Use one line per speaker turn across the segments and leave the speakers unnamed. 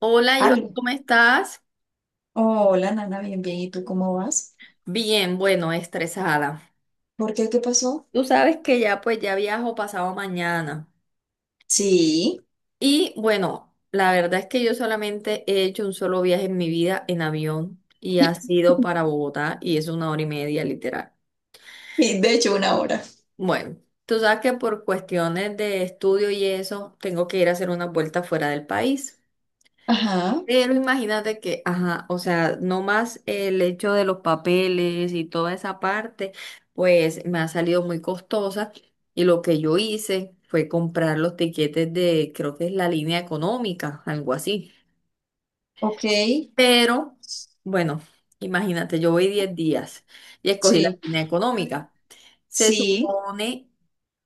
Hola, yo,
Algo.
¿cómo estás?
Hola, Nana, bien, bien. ¿Y tú cómo vas?
Bien, bueno, estresada.
¿Por qué? ¿Qué pasó?
Tú sabes que ya pues ya viajo pasado mañana.
Sí,
Y bueno, la verdad es que yo solamente he hecho un solo viaje en mi vida en avión y ha sido para Bogotá y es 1 hora y media literal.
y de hecho una hora.
Bueno, tú sabes que por cuestiones de estudio y eso, tengo que ir a hacer una vuelta fuera del país.
Ajá,
Pero imagínate que, ajá, o sea, no más el hecho de los papeles y toda esa parte, pues me ha salido muy costosa y lo que yo hice fue comprar los tiquetes de, creo que es la línea económica, algo así.
ok.
Pero, bueno, imagínate, yo voy 10 días y escogí la
Sí,
línea económica. Se
sí.
supone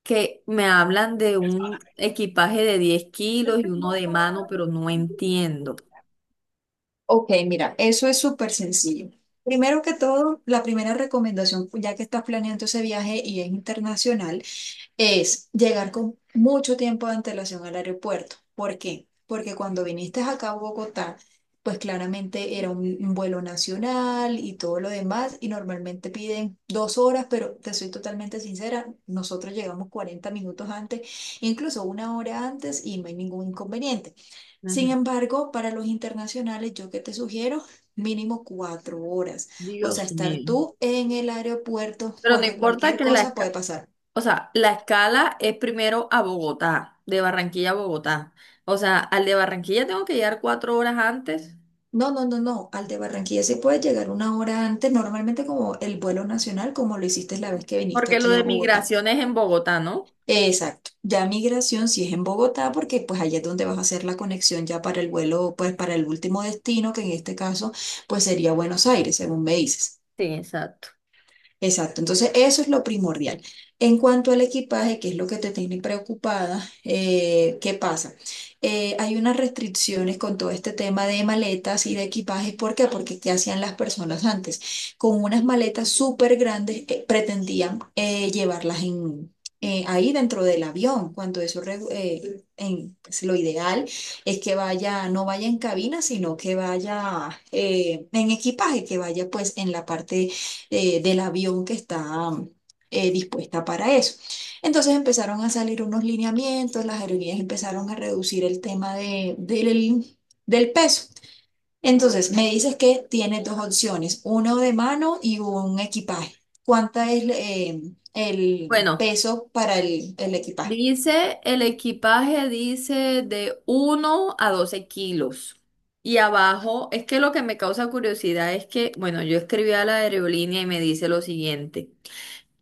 que me hablan de un equipaje de 10 kilos y uno de mano, pero no entiendo.
Ok, mira, eso es súper sencillo. Primero que todo, la primera recomendación, ya que estás planeando ese viaje y es internacional, es llegar con mucho tiempo de antelación al aeropuerto. ¿Por qué? Porque cuando viniste acá a Bogotá, pues claramente era un vuelo nacional y todo lo demás, y normalmente piden 2 horas, pero te soy totalmente sincera, nosotros llegamos 40 minutos antes, incluso una hora antes, y no hay ningún inconveniente. Sin embargo, para los internacionales, yo que te sugiero, mínimo 4 horas. O sea,
Dios
estar
mío.
tú en el aeropuerto
Pero no
porque
importa
cualquier
que la
cosa puede
escala,
pasar.
o sea, la escala es primero a Bogotá, de Barranquilla a Bogotá. O sea, al de Barranquilla tengo que llegar 4 horas antes,
No, no, no, no. Al de Barranquilla se puede llegar una hora antes, normalmente como el vuelo nacional, como lo hiciste la vez que viniste
porque lo
aquí a
de
Bogotá.
migración es en Bogotá, ¿no?
Exacto. Ya migración si es en Bogotá, porque pues allá es donde vas a hacer la conexión ya para el vuelo, pues para el último destino, que en este caso pues sería Buenos Aires, según me dices.
Sí, exacto.
Exacto, entonces eso es lo primordial. En cuanto al equipaje, que es lo que te tiene preocupada, ¿qué pasa? Hay unas restricciones con todo este tema de maletas y de equipajes. ¿Por qué? Porque ¿qué hacían las personas antes? Con unas maletas súper grandes pretendían llevarlas en, ahí dentro del avión, cuando eso pues, lo ideal es que vaya, no vaya en cabina, sino que vaya en equipaje, que vaya pues en la parte del avión que está dispuesta para eso. Entonces empezaron a salir unos lineamientos, las aerolíneas empezaron a reducir el tema del peso. Entonces me dices que tienes dos opciones, uno de mano y un equipaje. ¿Cuánta es el
Bueno,
peso para el equipaje?
dice el equipaje, dice de 1 a 12 kilos. Y abajo, es que lo que me causa curiosidad es que, bueno, yo escribí a la aerolínea y me dice lo siguiente.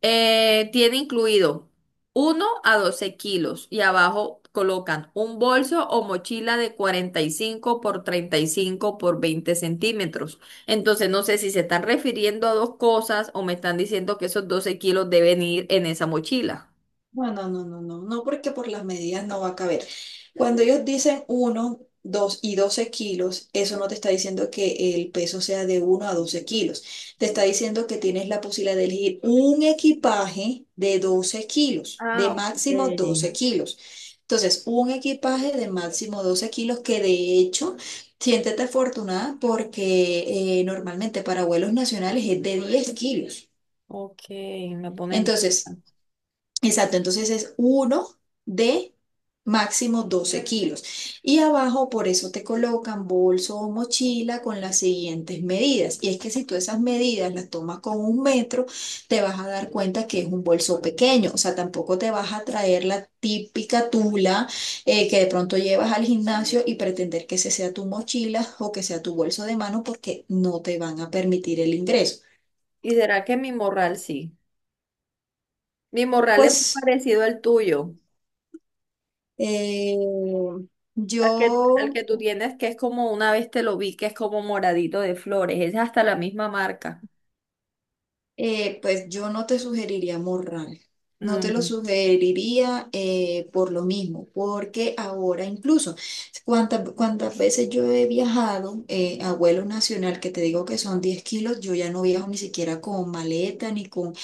Tiene incluido 1 a 12 kilos y abajo colocan un bolso o mochila de 45 por 35 por 20 centímetros. Entonces no sé si se están refiriendo a dos cosas o me están diciendo que esos 12 kilos deben ir en esa mochila.
Bueno, no, no, no, no, no, porque por las medidas no va a caber. Cuando ellos dicen uno, 2 y 12 kilos, eso no te está diciendo que el peso sea de uno a 12 kilos. Te está diciendo que tienes la posibilidad de elegir un equipaje de 12 kilos, de
Ah,
máximo
ok.
12 kilos. Entonces, un equipaje de máximo 12 kilos que de hecho, siéntete afortunada porque normalmente para vuelos nacionales es de 10 kilos.
Ok, me ponen.
Entonces, exacto, entonces es uno de máximo 12 kilos. Y abajo por eso te colocan bolso o mochila con las siguientes medidas. Y es que si tú esas medidas las tomas con un metro, te vas a dar cuenta que es un bolso pequeño. O sea, tampoco te vas a traer la típica tula que de pronto llevas al gimnasio y pretender que ese sea tu mochila o que sea tu bolso de mano porque no te van a permitir el ingreso.
¿Y será que mi morral sí? Mi morral es muy
Pues
parecido al tuyo.
eh,
Al que, al
yo...
que tú tienes, que es como una vez te lo vi, que es como moradito de flores, es hasta la misma marca.
Pues yo no te sugeriría morral, no te lo
Mm,
sugeriría por lo mismo, porque ahora incluso, cuántas veces yo he viajado a vuelo nacional, que te digo que son 10 kilos, yo ya no viajo ni siquiera con maleta, ni con,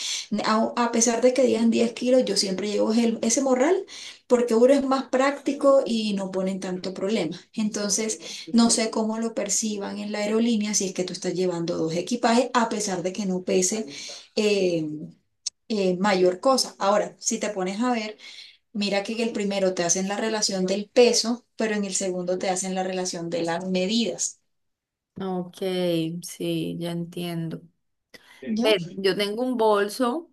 a pesar de que digan 10 kilos, yo siempre llevo ese morral, porque uno es más práctico y no ponen tanto problema. Entonces, no sé cómo lo perciban en la aerolínea si es que tú estás llevando dos equipajes, a pesar de que no pese eh, mayor cosa. Ahora, si te pones a ver, mira que en el primero te hacen la relación del peso, pero en el segundo te hacen la relación de las medidas.
ok, sí, ya entiendo.
¿Ya?
Ven, yo tengo un bolso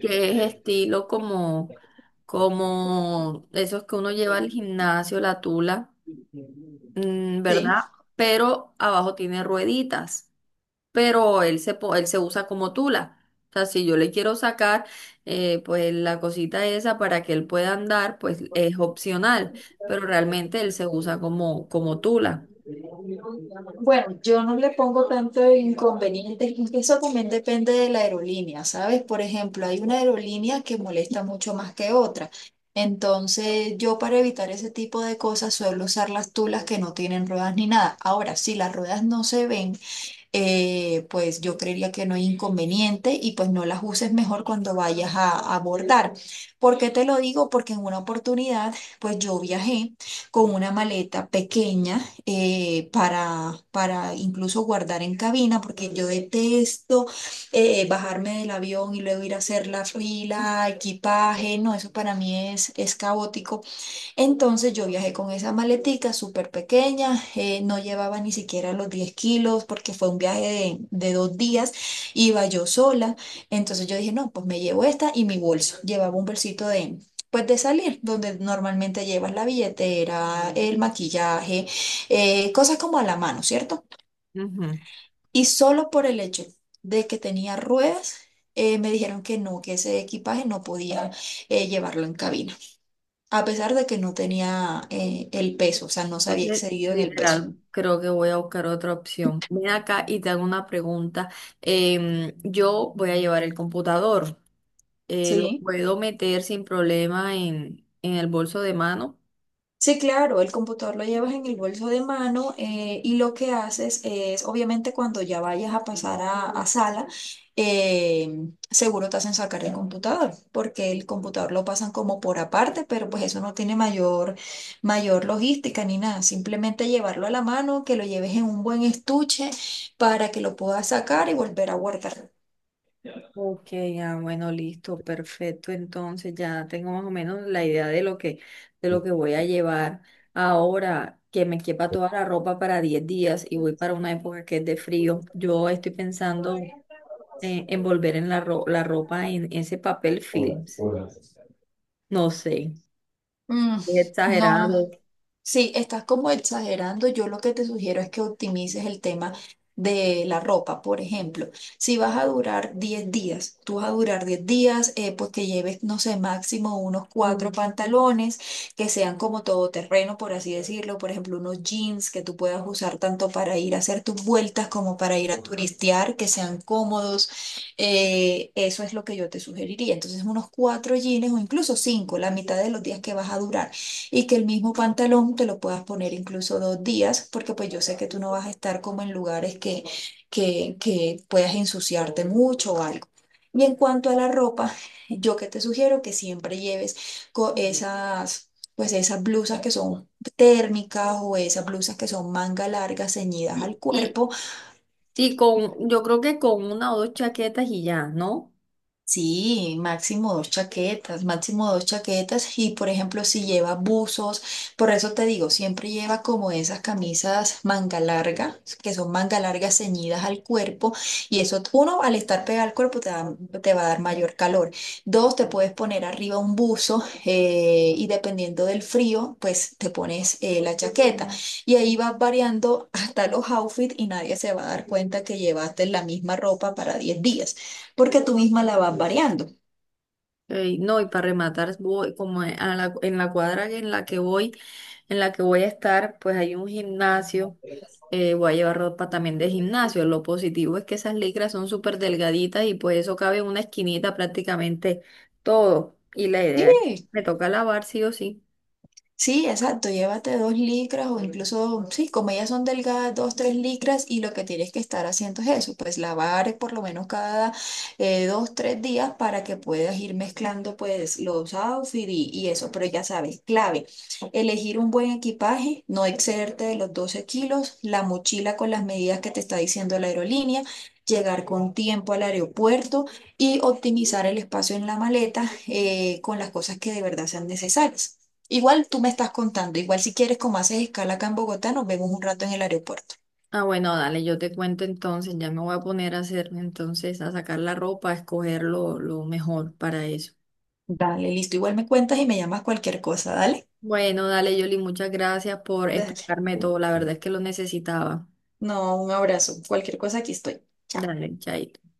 que es estilo como esos que uno lleva al gimnasio, la tula, ¿verdad?
Sí.
Pero abajo tiene rueditas. Pero él se usa como tula. O sea, si yo le quiero sacar, pues la cosita esa para que él pueda andar, pues es opcional, pero realmente él se usa como tula.
Bueno, yo no le pongo tanto inconveniente, es que eso también depende de la aerolínea, ¿sabes? Por ejemplo, hay una aerolínea que molesta mucho más que otra. Entonces, yo para evitar ese tipo de cosas suelo usar las tulas que no tienen ruedas ni nada. Ahora, si las ruedas no se ven, pues yo creería que no hay inconveniente y pues no las uses mejor cuando vayas a abordar. ¿Por qué te lo digo? Porque en una oportunidad, pues yo viajé con una maleta pequeña para incluso guardar en cabina, porque yo detesto bajarme del avión y luego ir a hacer la fila, equipaje, no, eso para mí es caótico. Entonces yo viajé con esa maletica súper pequeña, no llevaba ni siquiera los 10 kilos porque fue un viaje de 2 días, iba yo sola, entonces yo dije, no, pues me llevo esta y mi bolso, llevaba un bolsito de, pues de salir, donde normalmente llevas la billetera, el maquillaje, cosas como a la mano, ¿cierto?
Ujú.
Y solo por el hecho de que tenía ruedas, me dijeron que no, que ese equipaje no podía llevarlo en cabina a pesar de que no tenía el peso, o sea, no se había
Entonces,
excedido en el peso.
literal, creo que voy a buscar otra opción. Ven acá y te hago una pregunta. Yo voy a llevar el computador. ¿Lo
Sí.
puedo meter sin problema en el bolso de mano?
Sí, claro, el computador lo llevas en el bolso de mano y lo que haces es, obviamente, cuando ya vayas a pasar a sala, seguro te hacen sacar el computador, porque el computador lo pasan como por aparte, pero pues eso no tiene mayor, mayor logística ni nada, simplemente llevarlo a la mano, que lo lleves en un buen estuche para que lo puedas sacar y volver a guardar.
Ok, ah, bueno, listo, perfecto. Entonces ya tengo más o menos la idea de lo que voy a llevar ahora, que me quepa toda la ropa para 10 días y voy para una época que es de frío. Yo estoy pensando en envolver la ropa en ese papel films. No sé,
Mm,
es
no.
exagerado.
Sí, estás como exagerando. Yo lo que te sugiero es que optimices el tema de la ropa, por ejemplo. Si vas a durar 10 días, tú vas a durar 10 días, pues que lleves, no sé, máximo unos cuatro pantalones que sean como todoterreno, por así decirlo. Por ejemplo, unos jeans que tú puedas usar tanto para ir a hacer tus vueltas como para ir a turistear, que sean cómodos. Eso es lo que yo te sugeriría. Entonces, unos cuatro jeans o incluso cinco, la mitad de los días que vas a durar y que el mismo pantalón te lo puedas poner incluso 2 días, porque pues yo sé que tú no vas a estar como en lugares que puedas ensuciarte mucho o algo. Y en cuanto a la ropa, yo que te sugiero que siempre lleves esas, pues esas blusas que son térmicas o esas blusas que son manga largas ceñidas
Y,
al
y,
cuerpo.
y yo creo que con una o dos chaquetas y ya, ¿no?
Sí, máximo dos chaquetas y por ejemplo si lleva buzos, por eso te digo, siempre lleva como esas camisas manga larga, que son manga largas ceñidas al cuerpo y eso uno al estar pegada al cuerpo te va a dar mayor calor. Dos, te puedes poner arriba un buzo y dependiendo del frío, pues te pones la chaqueta y ahí vas variando hasta los outfits y nadie se va a dar cuenta que llevaste la misma ropa para 10 días porque tú misma la vas variando.
Ey, no, y para rematar, voy en la cuadra en la que voy a estar, pues hay un gimnasio, voy a llevar ropa también de gimnasio. Lo positivo es que esas licras son súper delgaditas y pues eso cabe en una esquinita prácticamente todo. Y la idea es,
Sí,
me toca lavar sí o sí.
sí, exacto, llévate dos licras o incluso, sí, como ellas son delgadas, dos, tres licras y lo que tienes que estar haciendo es eso, pues lavar por lo menos cada 2, 3 días para que puedas ir mezclando pues los outfits y eso, pero ya sabes, clave, elegir un buen equipaje, no excederte de los 12 kilos, la mochila con las medidas que te está diciendo la aerolínea, llegar con tiempo al aeropuerto y optimizar el espacio en la maleta con las cosas que de verdad sean necesarias. Igual tú me estás contando, igual si quieres, como haces escala acá en Bogotá, nos vemos un rato en el aeropuerto.
Ah, bueno, dale, yo te cuento entonces, ya me voy a poner a hacer entonces, a sacar la ropa, a escoger lo mejor para eso.
Dale, listo. Igual me cuentas y me llamas cualquier cosa, dale.
Bueno, dale, Yoli, muchas gracias por
Dale.
explicarme todo, la verdad es que lo necesitaba.
No, un abrazo. Cualquier cosa, aquí estoy. Chao.
Dale, ya.